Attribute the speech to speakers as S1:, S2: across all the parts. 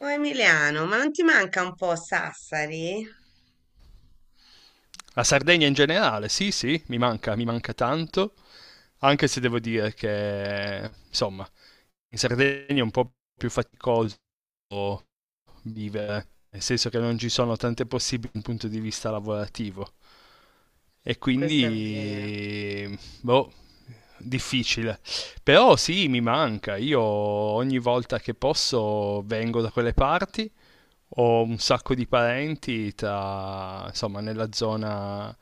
S1: Oh Emiliano, ma non ti manca un po' Sassari?
S2: La Sardegna in generale, sì, sì, mi manca tanto, anche se devo dire che, insomma, in Sardegna è un po' più faticoso vivere, nel senso che non ci sono tante possibili dal punto di vista lavorativo e
S1: Questo è vero.
S2: quindi, boh, difficile. Però sì, mi manca, io ogni volta che posso vengo da quelle parti ho un sacco di parenti tra, insomma,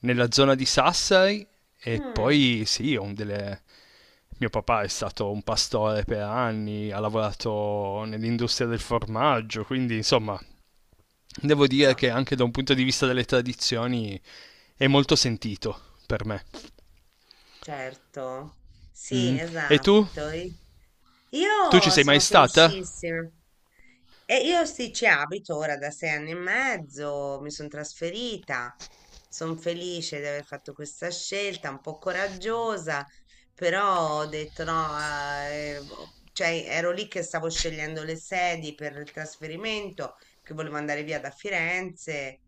S2: nella zona di Sassari e
S1: Mm,
S2: poi sì, ho delle... Mio papà è stato un pastore per anni, ha lavorato nell'industria del formaggio, quindi insomma, devo dire che
S1: insomma,
S2: anche da un punto di vista delle tradizioni è molto sentito per me.
S1: certo. Sì,
S2: Mm. E tu?
S1: esatto. I-
S2: Tu ci
S1: Io
S2: sei mai
S1: sono
S2: stata?
S1: felicissima. Io sì, ci abito ora da 6 anni e mezzo, mi sono trasferita. Sono felice di aver fatto questa scelta, un po' coraggiosa, però ho detto no, cioè ero lì che stavo scegliendo le sedi per il trasferimento, che volevo andare via da Firenze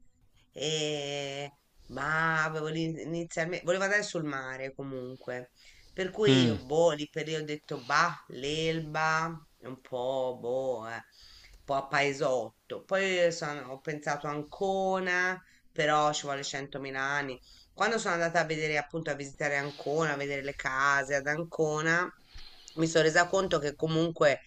S1: e- ma inizialmente, volevo andare sul mare comunque, per cui
S2: Mm.
S1: boh, lì per lì ho detto bah, l'Elba, è un po' un po' a paesotto. Ho pensato a Ancona, però ci vuole 100.000 anni. Quando sono andata a vedere, appunto, a visitare Ancona, a vedere le case ad Ancona, mi sono resa conto che comunque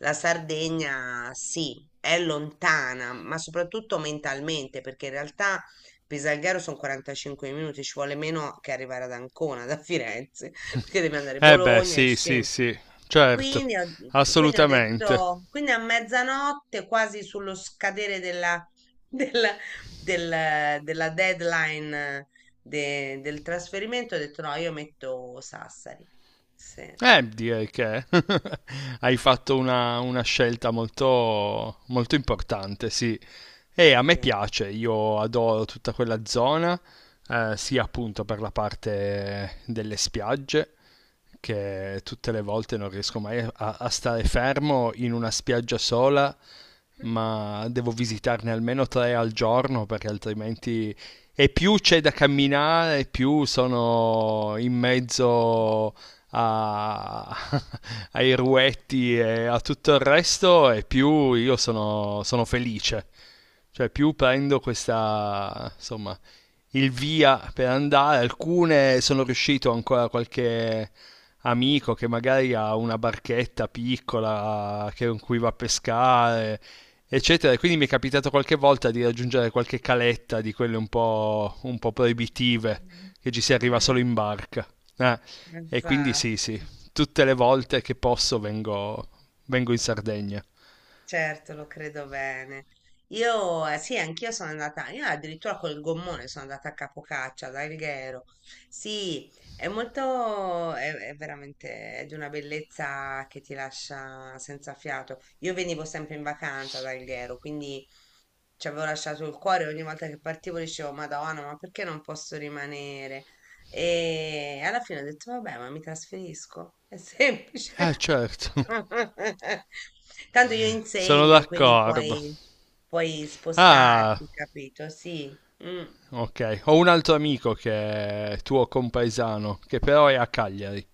S1: la Sardegna sì, è lontana, ma soprattutto mentalmente, perché in realtà Pisalghero sono 45 minuti, ci vuole meno che arrivare ad Ancona da Firenze, perché devi andare a
S2: Eh beh,
S1: Bologna e
S2: sì, sì,
S1: scendere.
S2: sì, certo,
S1: Quindi ho, quindi ho
S2: assolutamente.
S1: detto, quindi a mezzanotte, quasi sullo scadere della, della, della deadline del trasferimento, ho detto no, io metto Sassari. Sì,
S2: Direi che hai fatto una scelta molto, molto importante, sì. E a me
S1: sì.
S2: piace, io adoro tutta quella zona, sia appunto per la parte delle spiagge, che tutte le volte non riesco mai a, a stare fermo in una spiaggia sola, ma devo visitarne almeno tre al giorno perché altrimenti... E più c'è da camminare, più sono in mezzo a- ai ruetti e a tutto il resto e più io sono, sono felice. Cioè più prendo questa, insomma, il via per andare. Alcune sono riuscito ancora qualche amico che magari ha una barchetta piccola che- con cui va a pescare, eccetera. E quindi mi è capitato qualche volta di raggiungere qualche caletta di quelle un po' proibitive,
S1: Mm.
S2: che ci si arriva solo
S1: Mm.
S2: in barca. Eh, e quindi sì, sì,
S1: Esatto,
S2: tutte le volte che posso vengo, vengo in Sardegna.
S1: certo, lo credo bene. Io, sì, anch'io sono andata, io addirittura col gommone sono andata a Capocaccia, ad Alghero. Sì, è veramente è di una bellezza che ti lascia senza fiato. Io venivo sempre in vacanza ad Alghero, quindi ci avevo lasciato il cuore, ogni volta che partivo dicevo, Madonna, ma perché non posso rimanere? E alla fine ho detto, vabbè, ma mi trasferisco, è semplice.
S2: Ah, certo,
S1: Tanto io
S2: sono
S1: insegno,
S2: d'accordo.
S1: puoi
S2: Ah,
S1: spostarti, capito? Sì. Mm.
S2: ok, ho un altro amico che è tuo compaesano, che però è a Cagliari.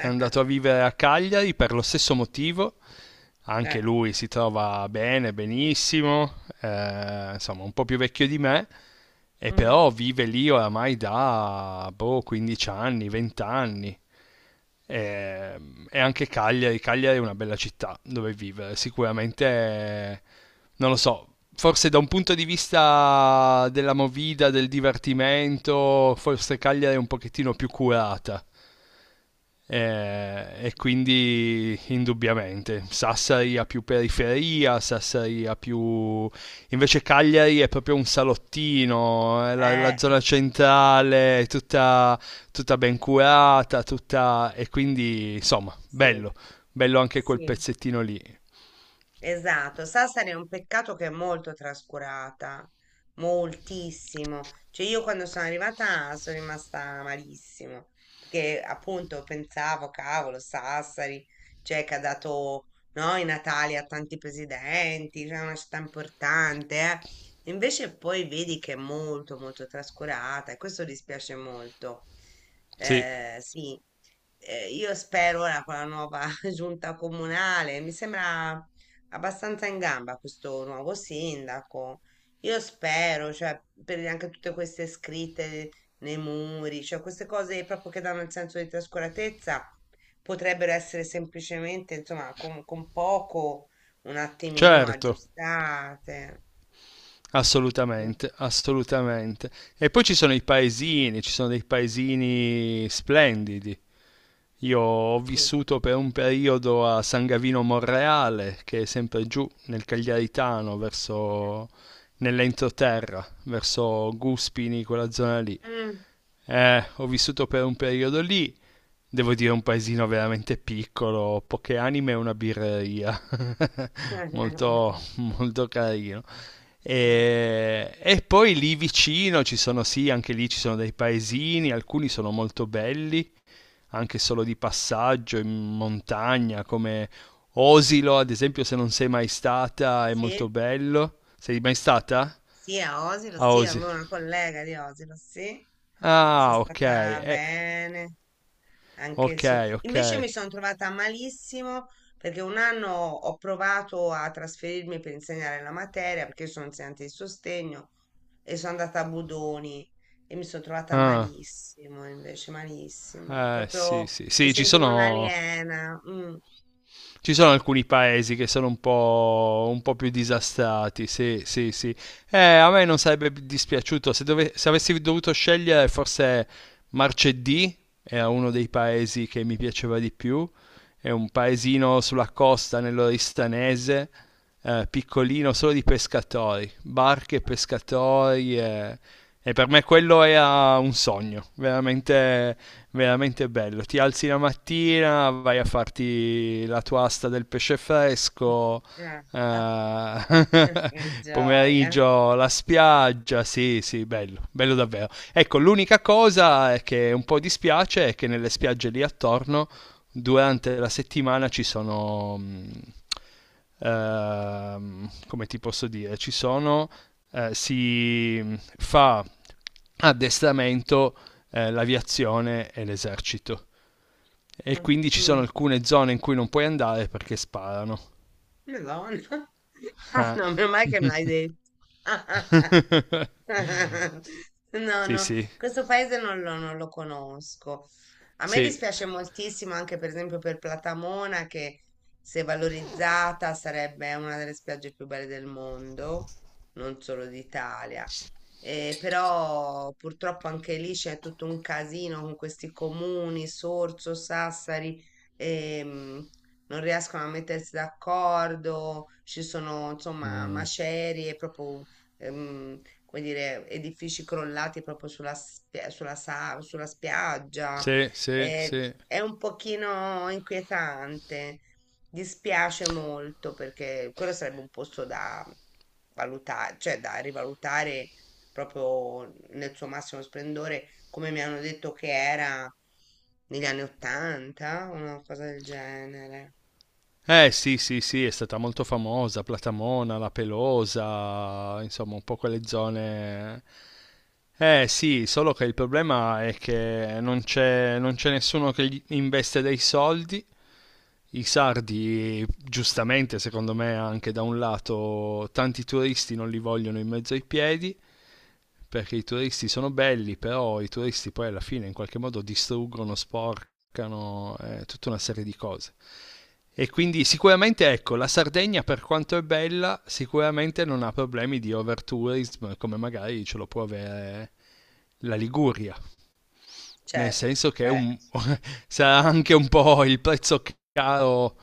S2: È andato a vivere a Cagliari per lo stesso motivo anche
S1: Eh.
S2: lui si trova bene, benissimo, insomma un po' più vecchio di me, e
S1: Mhm.
S2: però vive lì oramai da boh, 15 anni, 20 anni. E, e anche Cagliari, Cagliari è una bella città dove vivere, sicuramente, non lo so, forse da un punto di vista della movida, del divertimento, forse Cagliari è un pochettino più curata e
S1: Sì.
S2: quindi indubbiamente Sassari ha più periferia, Sassari ha più... invece Cagliari è proprio un salottino, la
S1: Eh,
S2: zona centrale è tutta, tutta ben curata, tutta... E quindi insomma,
S1: sì,
S2: bello, bello anche quel
S1: sì.
S2: pezzettino lì.
S1: Esatto, Sassari è un peccato che è molto trascurata, moltissimo. Cioè io quando sono arrivata sono rimasta malissimo, perché appunto pensavo, cavolo, Sassari, cioè che ha dato no, i Natali a tanti presidenti, cioè è una città importante, eh. Invece poi vedi che è molto molto trascurata e questo dispiace molto.
S2: Sì,
S1: Sì. Io spero ora con la nuova giunta comunale, mi sembra abbastanza in gamba questo nuovo sindaco. Io spero, cioè, per anche tutte queste scritte nei muri, cioè queste cose proprio che danno il senso di trascuratezza, potrebbero essere semplicemente, insomma, con poco, un attimino
S2: certo.
S1: aggiustate. Mm.
S2: Assolutamente, assolutamente. E poi ci sono i paesini, ci sono dei paesini splendidi. Io ho
S1: Sì.
S2: vissuto per un periodo a San Gavino Monreale, che è sempre giù nel Cagliaritano, verso nell'entroterra, verso Guspini, quella zona lì.
S1: Mm.
S2: Ho vissuto per un periodo lì, devo dire un paesino veramente piccolo, poche anime e una birreria, molto, molto carino. E poi lì vicino ci sono, sì, anche lì ci sono dei paesini, alcuni sono molto belli, anche solo di passaggio in montagna, come Osilo, ad esempio, se non sei mai stata, è molto
S1: Sì,
S2: bello. Sei mai stata
S1: sì, a Osilo,
S2: a
S1: sì,
S2: Osilo?
S1: avevo una collega di Osilo, sì. Sono
S2: Ah, ok,
S1: stata bene. Anche il
S2: ok,
S1: suo.
S2: ok.
S1: Invece mi sono trovata malissimo perché un anno ho provato a trasferirmi per insegnare la materia, perché io sono insegnante di sostegno e sono andata a Budoni e mi sono trovata
S2: Ah,
S1: malissimo, invece malissimo,
S2: sì,
S1: proprio
S2: sì,
S1: mi
S2: sì, ci
S1: sentivo
S2: sono
S1: un'aliena. Mm.
S2: ci sono alcuni paesi che sono un po' più disastrati, sì, sì, sì. A me non sarebbe dispiaciuto se, dove- se avessi dovuto scegliere forse Marcedì era uno dei paesi che mi piaceva di più, è un paesino sulla costa nell'Oristanese, piccolino, solo di pescatori, barche e pescatori, e per me quello era un sogno, veramente veramente bello. Ti alzi la mattina, vai a farti la tua asta del pesce fresco.
S1: Ah, ah,
S2: Eh,
S1: che gioia.
S2: pomeriggio la spiaggia, sì, sì, bello, bello davvero. Ecco, l'unica cosa è che un po' dispiace è che nelle spiagge lì attorno durante la settimana ci sono come ti posso dire, ci sono si fa addestramento l'aviazione e l'esercito. E
S1: Mm,
S2: quindi ci sono
S1: mm.
S2: alcune zone in cui non puoi andare perché sparano.
S1: Madonna. Ah,
S2: Ah.
S1: no, meno male che me l'hai detto. No,
S2: Sì,
S1: no,
S2: sì,
S1: questo paese non lo conosco. A me
S2: sì,
S1: dispiace moltissimo anche per esempio per Platamona che se valorizzata sarebbe una delle spiagge più belle del mondo, non solo d'Italia. Però purtroppo anche lì c'è tutto un casino con questi comuni, Sorso, Sassari, ehm, non riescono a mettersi d'accordo, ci sono insomma macerie, proprio come dire, edifici crollati proprio sulla spiaggia.
S2: sì, sì,
S1: Eh,
S2: sì.
S1: è un pochino inquietante, dispiace molto perché quello sarebbe un posto da valutare, cioè da rivalutare proprio nel suo massimo splendore, come mi hanno detto che era negli anni Ottanta, una cosa del genere.
S2: Eh sì, sì, sì, è stata molto famosa, Platamona, La Pelosa, insomma un po' quelle zone... Eh sì, solo che il problema è che non c'è nessuno che gli investe dei soldi i sardi, giustamente secondo me anche da un lato, tanti turisti non li vogliono in mezzo ai piedi, perché i turisti sono belli, però i turisti poi alla fine in qualche modo distruggono, sporcano, tutta una serie di cose. E quindi sicuramente ecco, la Sardegna per quanto è bella, sicuramente non ha problemi di overtourism come magari ce lo può avere la Liguria nel
S1: Certo,
S2: senso che è
S1: beh,
S2: un- sarà anche un po' il prezzo caro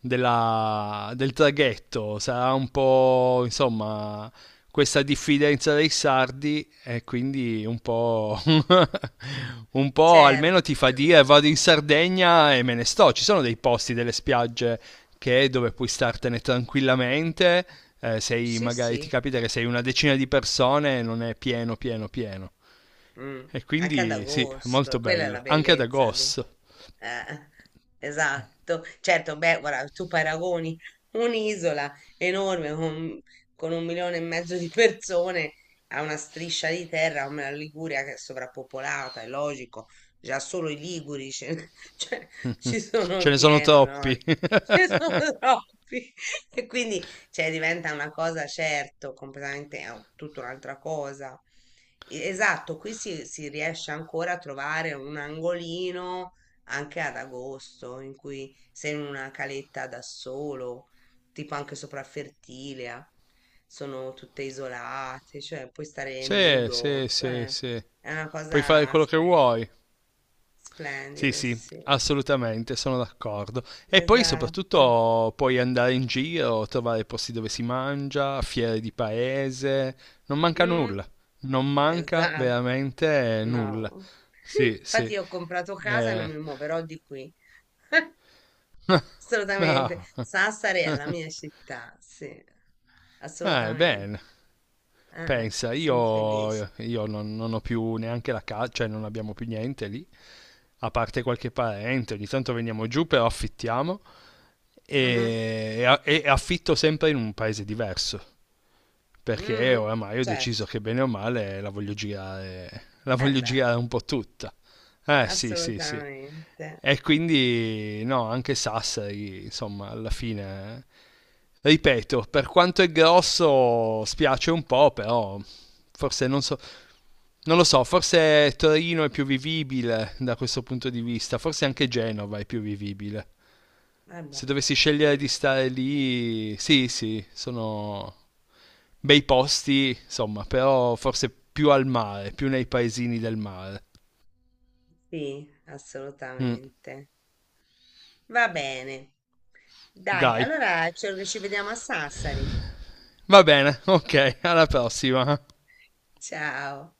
S2: del traghetto, sarà un po' insomma questa diffidenza dei sardi e quindi un po', un po'
S1: certo.
S2: almeno ti fa dire vado in Sardegna e me ne sto, ci sono dei posti, delle spiagge che è dove puoi startene tranquillamente. Eh, sei
S1: Sì,
S2: magari ti
S1: sì.
S2: capita che sei una decina di persone e non è pieno, pieno, pieno.
S1: Mm.
S2: E
S1: Anche ad
S2: quindi sì, è
S1: agosto,
S2: molto
S1: quella è la
S2: bello. Anche ad
S1: bellezza di...
S2: agosto.
S1: Eh, esatto, certo, beh, guarda, tu paragoni un'isola enorme con un milione e mezzo di persone a una striscia di terra come la Liguria che è sovrappopolata, è logico, già solo i liguri, ce- cioè, ci
S2: Ce
S1: sono
S2: ne sono
S1: pieno, no?
S2: troppi.
S1: Ce ne sono troppi e quindi cioè, diventa una cosa, certo, completamente tutta un'altra cosa. Esatto, qui si riesce ancora a trovare un angolino anche ad agosto, in cui sei in una caletta da solo, tipo anche sopra Fertilia, sono tutte isolate, cioè puoi stare
S2: Sì,
S1: nudo,
S2: sì, sì,
S1: cioè
S2: sì.
S1: è una
S2: Puoi fare
S1: cosa
S2: quello che vuoi. Sì,
S1: splendida,
S2: sì,
S1: sì,
S2: assolutamente, sono d'accordo. E poi
S1: esatto.
S2: soprattutto puoi andare in giro, trovare posti dove si mangia, fiere di paese, non manca
S1: Mm,
S2: nulla, non manca
S1: esatto,
S2: veramente nulla.
S1: no.
S2: Sì,
S1: Infatti
S2: sì.
S1: io ho comprato casa e non
S2: Eh,
S1: mi muoverò di qui, assolutamente.
S2: bravo.
S1: Sassari è la mia città, sì, assolutamente.
S2: Bene, pensa,
S1: Sono felice.
S2: io, io non ho più neanche la casa, cioè non abbiamo più niente lì, a parte qualche parente, ogni tanto veniamo giù, però affittiamo
S1: Mhm.
S2: e affitto sempre in un paese diverso. Perché
S1: Mm,
S2: oramai ho deciso
S1: certo,
S2: che bene o male la
S1: eh
S2: voglio
S1: beh,
S2: girare un po' tutta. Eh sì, sì, sì.
S1: assolutamente.
S2: E quindi no, anche Sassari, insomma, alla fine, ripeto, per quanto è grosso spiace un po', però forse non so, non lo so, forse Torino è più vivibile da questo punto di vista, forse anche Genova è più vivibile.
S1: Eh
S2: Se
S1: beh,
S2: dovessi scegliere
S1: sì,
S2: di stare lì, sì, sì, sono bei posti, insomma, però forse più al mare, più nei paesini del mare.
S1: sì,
S2: Mm,
S1: assolutamente. Va bene. Dai,
S2: dai,
S1: allora ci vediamo a Sassari.
S2: va bene, ok, alla prossima.
S1: Ciao.